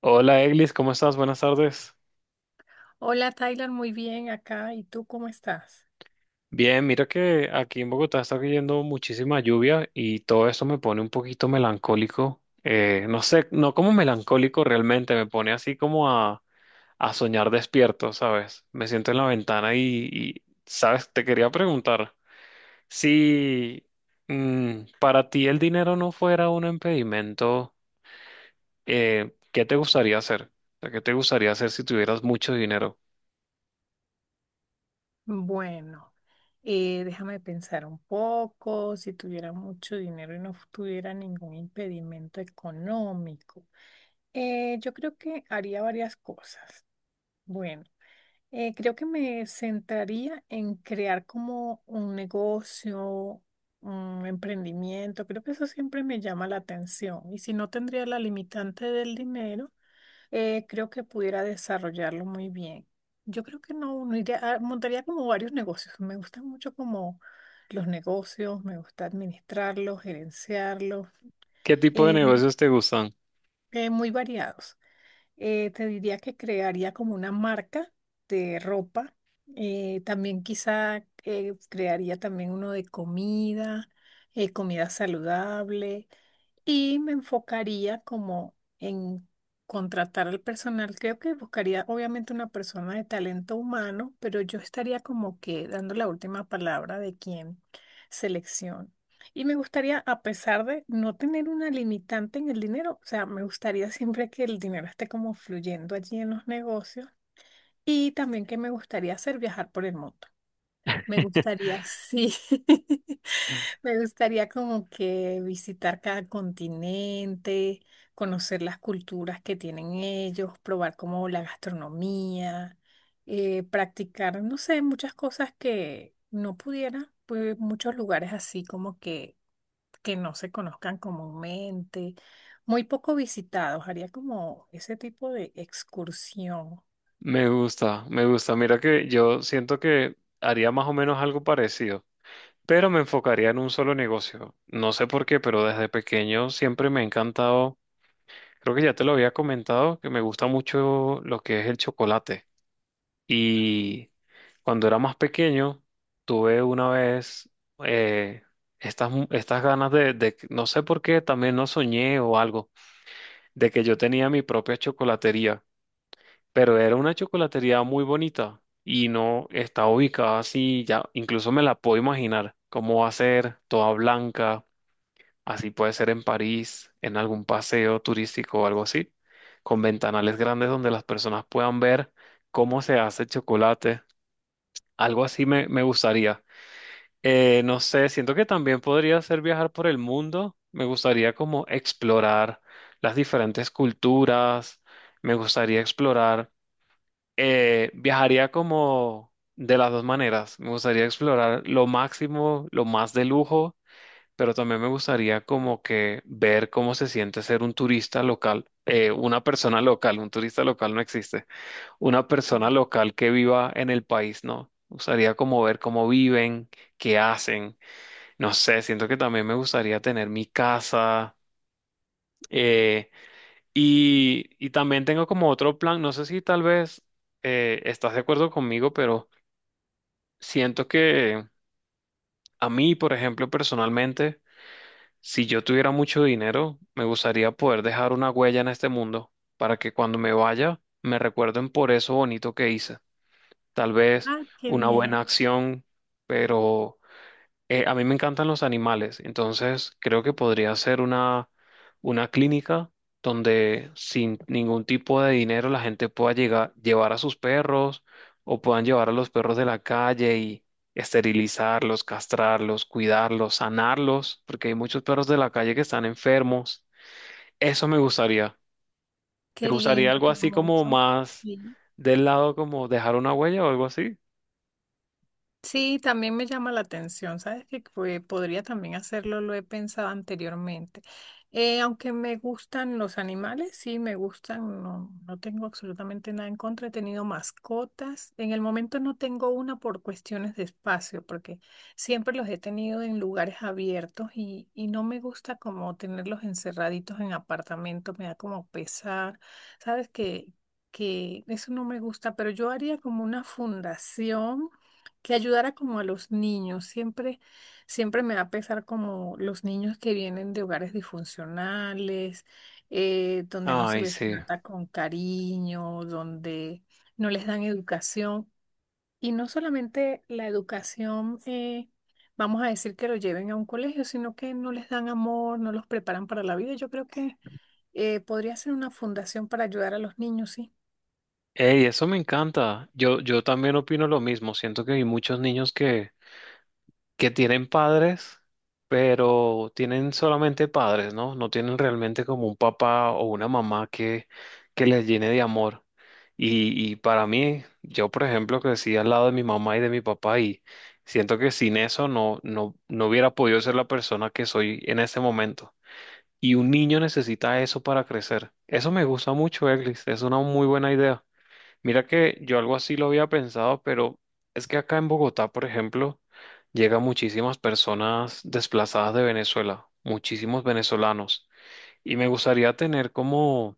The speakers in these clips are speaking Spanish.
Hola Eglis, ¿cómo estás? Buenas tardes. Hola Tyler, muy bien acá. ¿Y tú cómo estás? Bien, mira que aquí en Bogotá está cayendo muchísima lluvia y todo eso me pone un poquito melancólico. No sé, no como melancólico realmente, me pone así como a soñar despierto, ¿sabes? Me siento en la ventana y, ¿sabes? Te quería preguntar si para ti el dinero no fuera un impedimento, ¿qué te gustaría hacer? O sea, ¿qué te gustaría hacer si tuvieras mucho dinero? Bueno, déjame pensar un poco. Si tuviera mucho dinero y no tuviera ningún impedimento económico, yo creo que haría varias cosas. Bueno, creo que me centraría en crear como un negocio, un emprendimiento. Creo que eso siempre me llama la atención. Y si no tendría la limitante del dinero, creo que pudiera desarrollarlo muy bien. Yo creo que no iría, ah, montaría como varios negocios. Me gustan mucho como los negocios, me gusta administrarlos, gerenciarlos, ¿Qué tipo de eh, negocios te gustan? Muy variados. Te diría que crearía como una marca de ropa. También quizá crearía también uno de comida, comida saludable, y me enfocaría como en contratar al personal. Creo que buscaría obviamente una persona de talento humano, pero yo estaría como que dando la última palabra de quién selección. Y me gustaría, a pesar de no tener una limitante en el dinero, o sea, me gustaría siempre que el dinero esté como fluyendo allí en los negocios. Y también que me gustaría hacer viajar por el mundo. Me gustaría, sí. Me gustaría como que visitar cada continente, conocer las culturas que tienen ellos, probar como la gastronomía, practicar, no sé, muchas cosas que no pudiera, pues muchos lugares así como que no se conozcan comúnmente, muy poco visitados. Haría como ese tipo de excursión. Me gusta, me gusta. Mira que yo siento que haría más o menos algo parecido, pero me enfocaría en un solo negocio. No sé por qué, pero desde pequeño siempre me ha encantado, creo que ya te lo había comentado, que me gusta mucho lo que es el chocolate. Y cuando era más pequeño, tuve una vez eh, estas ganas de no sé por qué, también no soñé o algo, de que yo tenía mi propia chocolatería, pero era una chocolatería muy bonita y no está ubicada así, ya incluso me la puedo imaginar cómo va a ser, toda blanca, así puede ser en París, en algún paseo turístico o algo así, con ventanales grandes donde las personas puedan ver cómo se hace el chocolate, algo así me gustaría. No sé, siento que también podría ser viajar por el mundo, me gustaría como explorar las diferentes culturas, me gustaría explorar viajaría como de las dos maneras. Me gustaría explorar lo máximo, lo más de lujo, pero también me gustaría como que ver cómo se siente ser un turista local. Eh, una persona local, un turista local no existe, una persona local que viva en el país, ¿no? Me gustaría como ver cómo viven, qué hacen, no sé, siento que también me gustaría tener mi casa. eh, y también tengo como otro plan, no sé si tal vez estás de acuerdo conmigo, pero… Siento que a mí, por ejemplo, personalmente, si yo tuviera mucho dinero, me gustaría poder dejar una huella en este mundo para que cuando me vaya me recuerden por eso bonito que hice. Tal vez Ah, qué una bien, buena acción, pero a mí me encantan los animales, entonces creo que podría ser una clínica donde sin ningún tipo de dinero la gente pueda llegar, llevar a sus perros o puedan llevar a los perros de la calle y esterilizarlos, castrarlos, cuidarlos, sanarlos, porque hay muchos perros de la calle que están enfermos. Eso me gustaría. ¿Te qué gustaría lindo, algo qué así como hermoso. más Sí. del lado como dejar una huella o algo así? Sí, también me llama la atención, ¿sabes? Que pues, podría también hacerlo, lo he pensado anteriormente. Aunque me gustan los animales, sí, me gustan, no, no tengo absolutamente nada en contra, he tenido mascotas. En el momento no tengo una por cuestiones de espacio, porque siempre los he tenido en lugares abiertos y no me gusta como tenerlos encerraditos en apartamentos, me da como pesar, ¿sabes? Que eso no me gusta, pero yo haría como una fundación que ayudara como a los niños. Siempre, siempre me va a pesar como los niños que vienen de hogares disfuncionales, donde no se Ay, les sí. trata con cariño, donde no les dan educación. Y no solamente la educación, vamos a decir que lo lleven a un colegio, sino que no les dan amor, no los preparan para la vida. Yo creo que podría ser una fundación para ayudar a los niños, sí, Ey, eso me encanta. Yo también opino lo mismo. Siento que hay muchos niños que tienen padres, pero tienen solamente padres, ¿no? No tienen realmente como un papá o una mamá que les llene de amor. Y para mí, yo por ejemplo crecí al lado de mi mamá y de mi papá y siento que sin eso no hubiera podido ser la persona que soy en este momento. Y un niño necesita eso para crecer. Eso me gusta mucho, Eglis. Es una muy buena idea. Mira que yo algo así lo había pensado, pero es que acá en Bogotá, por ejemplo, llegan muchísimas personas desplazadas de Venezuela, muchísimos venezolanos, y me gustaría tener como,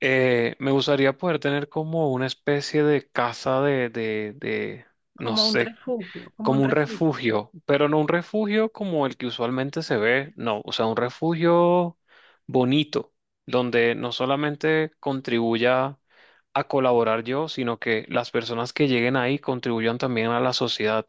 me gustaría poder tener como una especie de casa no como un sé, refugio, como un como un refugio. refugio, pero no un refugio como el que usualmente se ve, no, o sea, un refugio bonito, donde no solamente contribuya a colaborar yo, sino que las personas que lleguen ahí contribuyan también a la sociedad.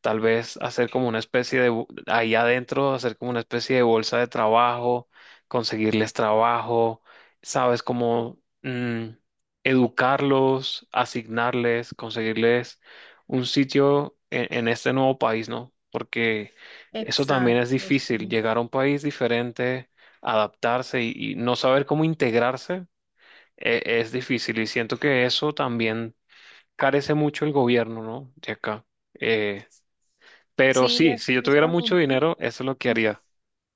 Tal vez hacer como una especie de ahí adentro, hacer como una especie de bolsa de trabajo, conseguirles trabajo, sabes, educarlos, asignarles, conseguirles un sitio en este nuevo país, ¿no? Porque eso también es Exacto, difícil, sí. llegar a un país diferente, adaptarse y no saber cómo integrarse es difícil. Y siento que eso también carece mucho el gobierno, ¿no? De acá. Eh, pero Sí, sí, si yo es tuviera mucho bonito. dinero, eso es lo que Ujú. haría.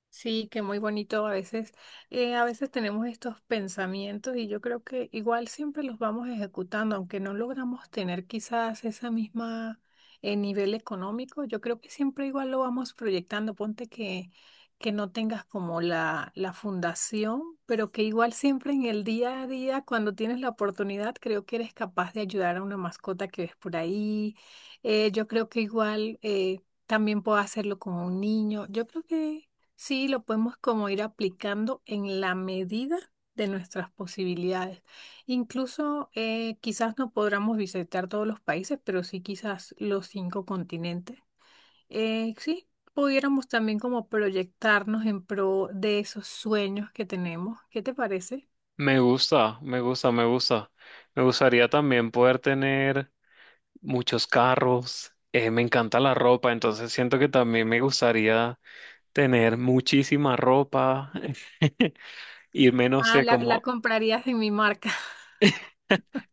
Sí, que muy bonito a veces. A veces tenemos estos pensamientos y yo creo que igual siempre los vamos ejecutando, aunque no logramos tener quizás esa misma nivel económico, yo creo que siempre igual lo vamos proyectando. Ponte que no tengas como la fundación, pero que igual siempre en el día a día, cuando tienes la oportunidad, creo que eres capaz de ayudar a una mascota que ves por ahí. Yo creo que igual también puedo hacerlo con un niño. Yo creo que… Sí, lo podemos como ir aplicando en la medida de nuestras posibilidades. Incluso quizás no podamos visitar todos los países, pero sí quizás los 5 continentes. Sí, pudiéramos también como proyectarnos en pro de esos sueños que tenemos. ¿Qué te parece? Me gusta, me gusta, me gusta. Me gustaría también poder tener muchos carros. Me encanta la ropa, entonces siento que también me gustaría tener muchísima ropa, irme, no Ah, sé, la como comprarías en mi marca.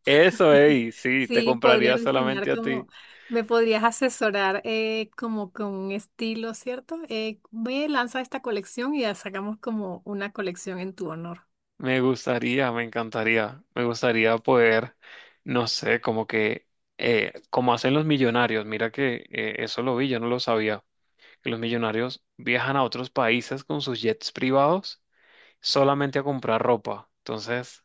eso, ey, sí, te Sí, podrías compraría diseñar solamente a ti. como, me podrías asesorar como con un estilo, ¿cierto? Ve, lanza esta colección y ya sacamos como una colección en tu honor. Me gustaría, me encantaría, me gustaría poder, no sé, como que, como hacen los millonarios, mira que eso lo vi, yo no lo sabía, que los millonarios viajan a otros países con sus jets privados solamente a comprar ropa. Entonces,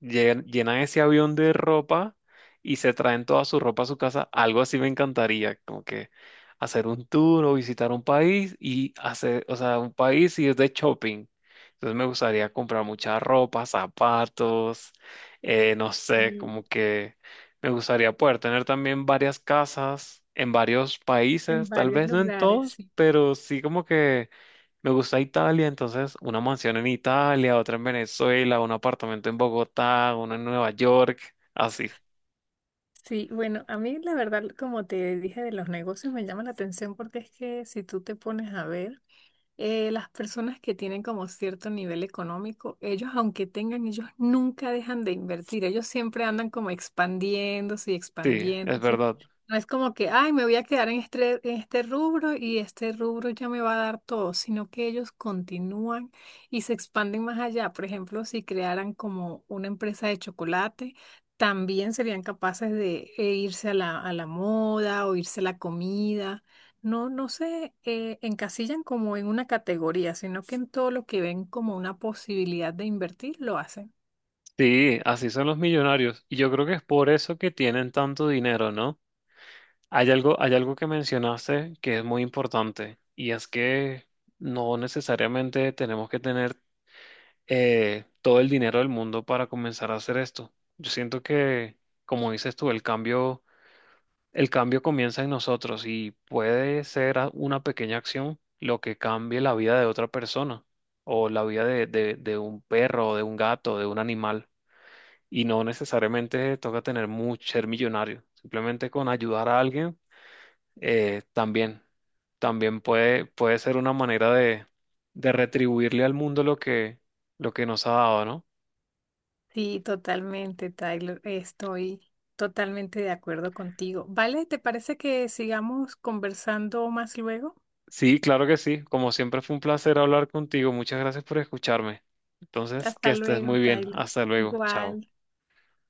Llenan ese avión de ropa y se traen toda su ropa a su casa. Algo así me encantaría, como que hacer un tour o visitar un país y hacer, o sea, un país y es de shopping. Entonces me gustaría comprar mucha ropa, zapatos, no sé, Y como que me gustaría poder tener también varias casas en varios en países, tal varios vez no en lugares, todos, sí. pero sí como que me gusta Italia, entonces una mansión en Italia, otra en Venezuela, un apartamento en Bogotá, uno en Nueva York, así. Sí, bueno, a mí la verdad, como te dije de los negocios, me llama la atención porque es que si tú te pones a ver, las personas que tienen como cierto nivel económico, ellos aunque tengan, ellos nunca dejan de invertir, ellos siempre andan como expandiéndose y Sí, es expandiéndose. verdad. No es como que, ay, me voy a quedar en este rubro y este rubro ya me va a dar todo, sino que ellos continúan y se expanden más allá. Por ejemplo, si crearan como una empresa de chocolate, también serían capaces de irse a a la moda o irse a la comida. No se encasillan como en una categoría, sino que en todo lo que ven como una posibilidad de invertir, lo hacen. Sí, así son los millonarios. Y yo creo que es por eso que tienen tanto dinero, ¿no? Hay algo que mencionaste que es muy importante, y es que no necesariamente tenemos que tener todo el dinero del mundo para comenzar a hacer esto. Yo siento que, como dices tú, el cambio comienza en nosotros y puede ser una pequeña acción lo que cambie la vida de otra persona o la vida de un perro, de un gato, de un animal. Y no necesariamente toca tener mucho, ser millonario. Simplemente con ayudar a alguien, también, también puede, puede ser una manera de retribuirle al mundo lo que nos ha dado, ¿no? Sí, totalmente, Tyler. Estoy totalmente de acuerdo contigo. Vale, ¿te parece que sigamos conversando más luego? Sí, claro que sí. Como siempre fue un placer hablar contigo. Muchas gracias por escucharme. Entonces, que Hasta estés luego, muy bien. Tyler. Hasta luego. Chao. Igual.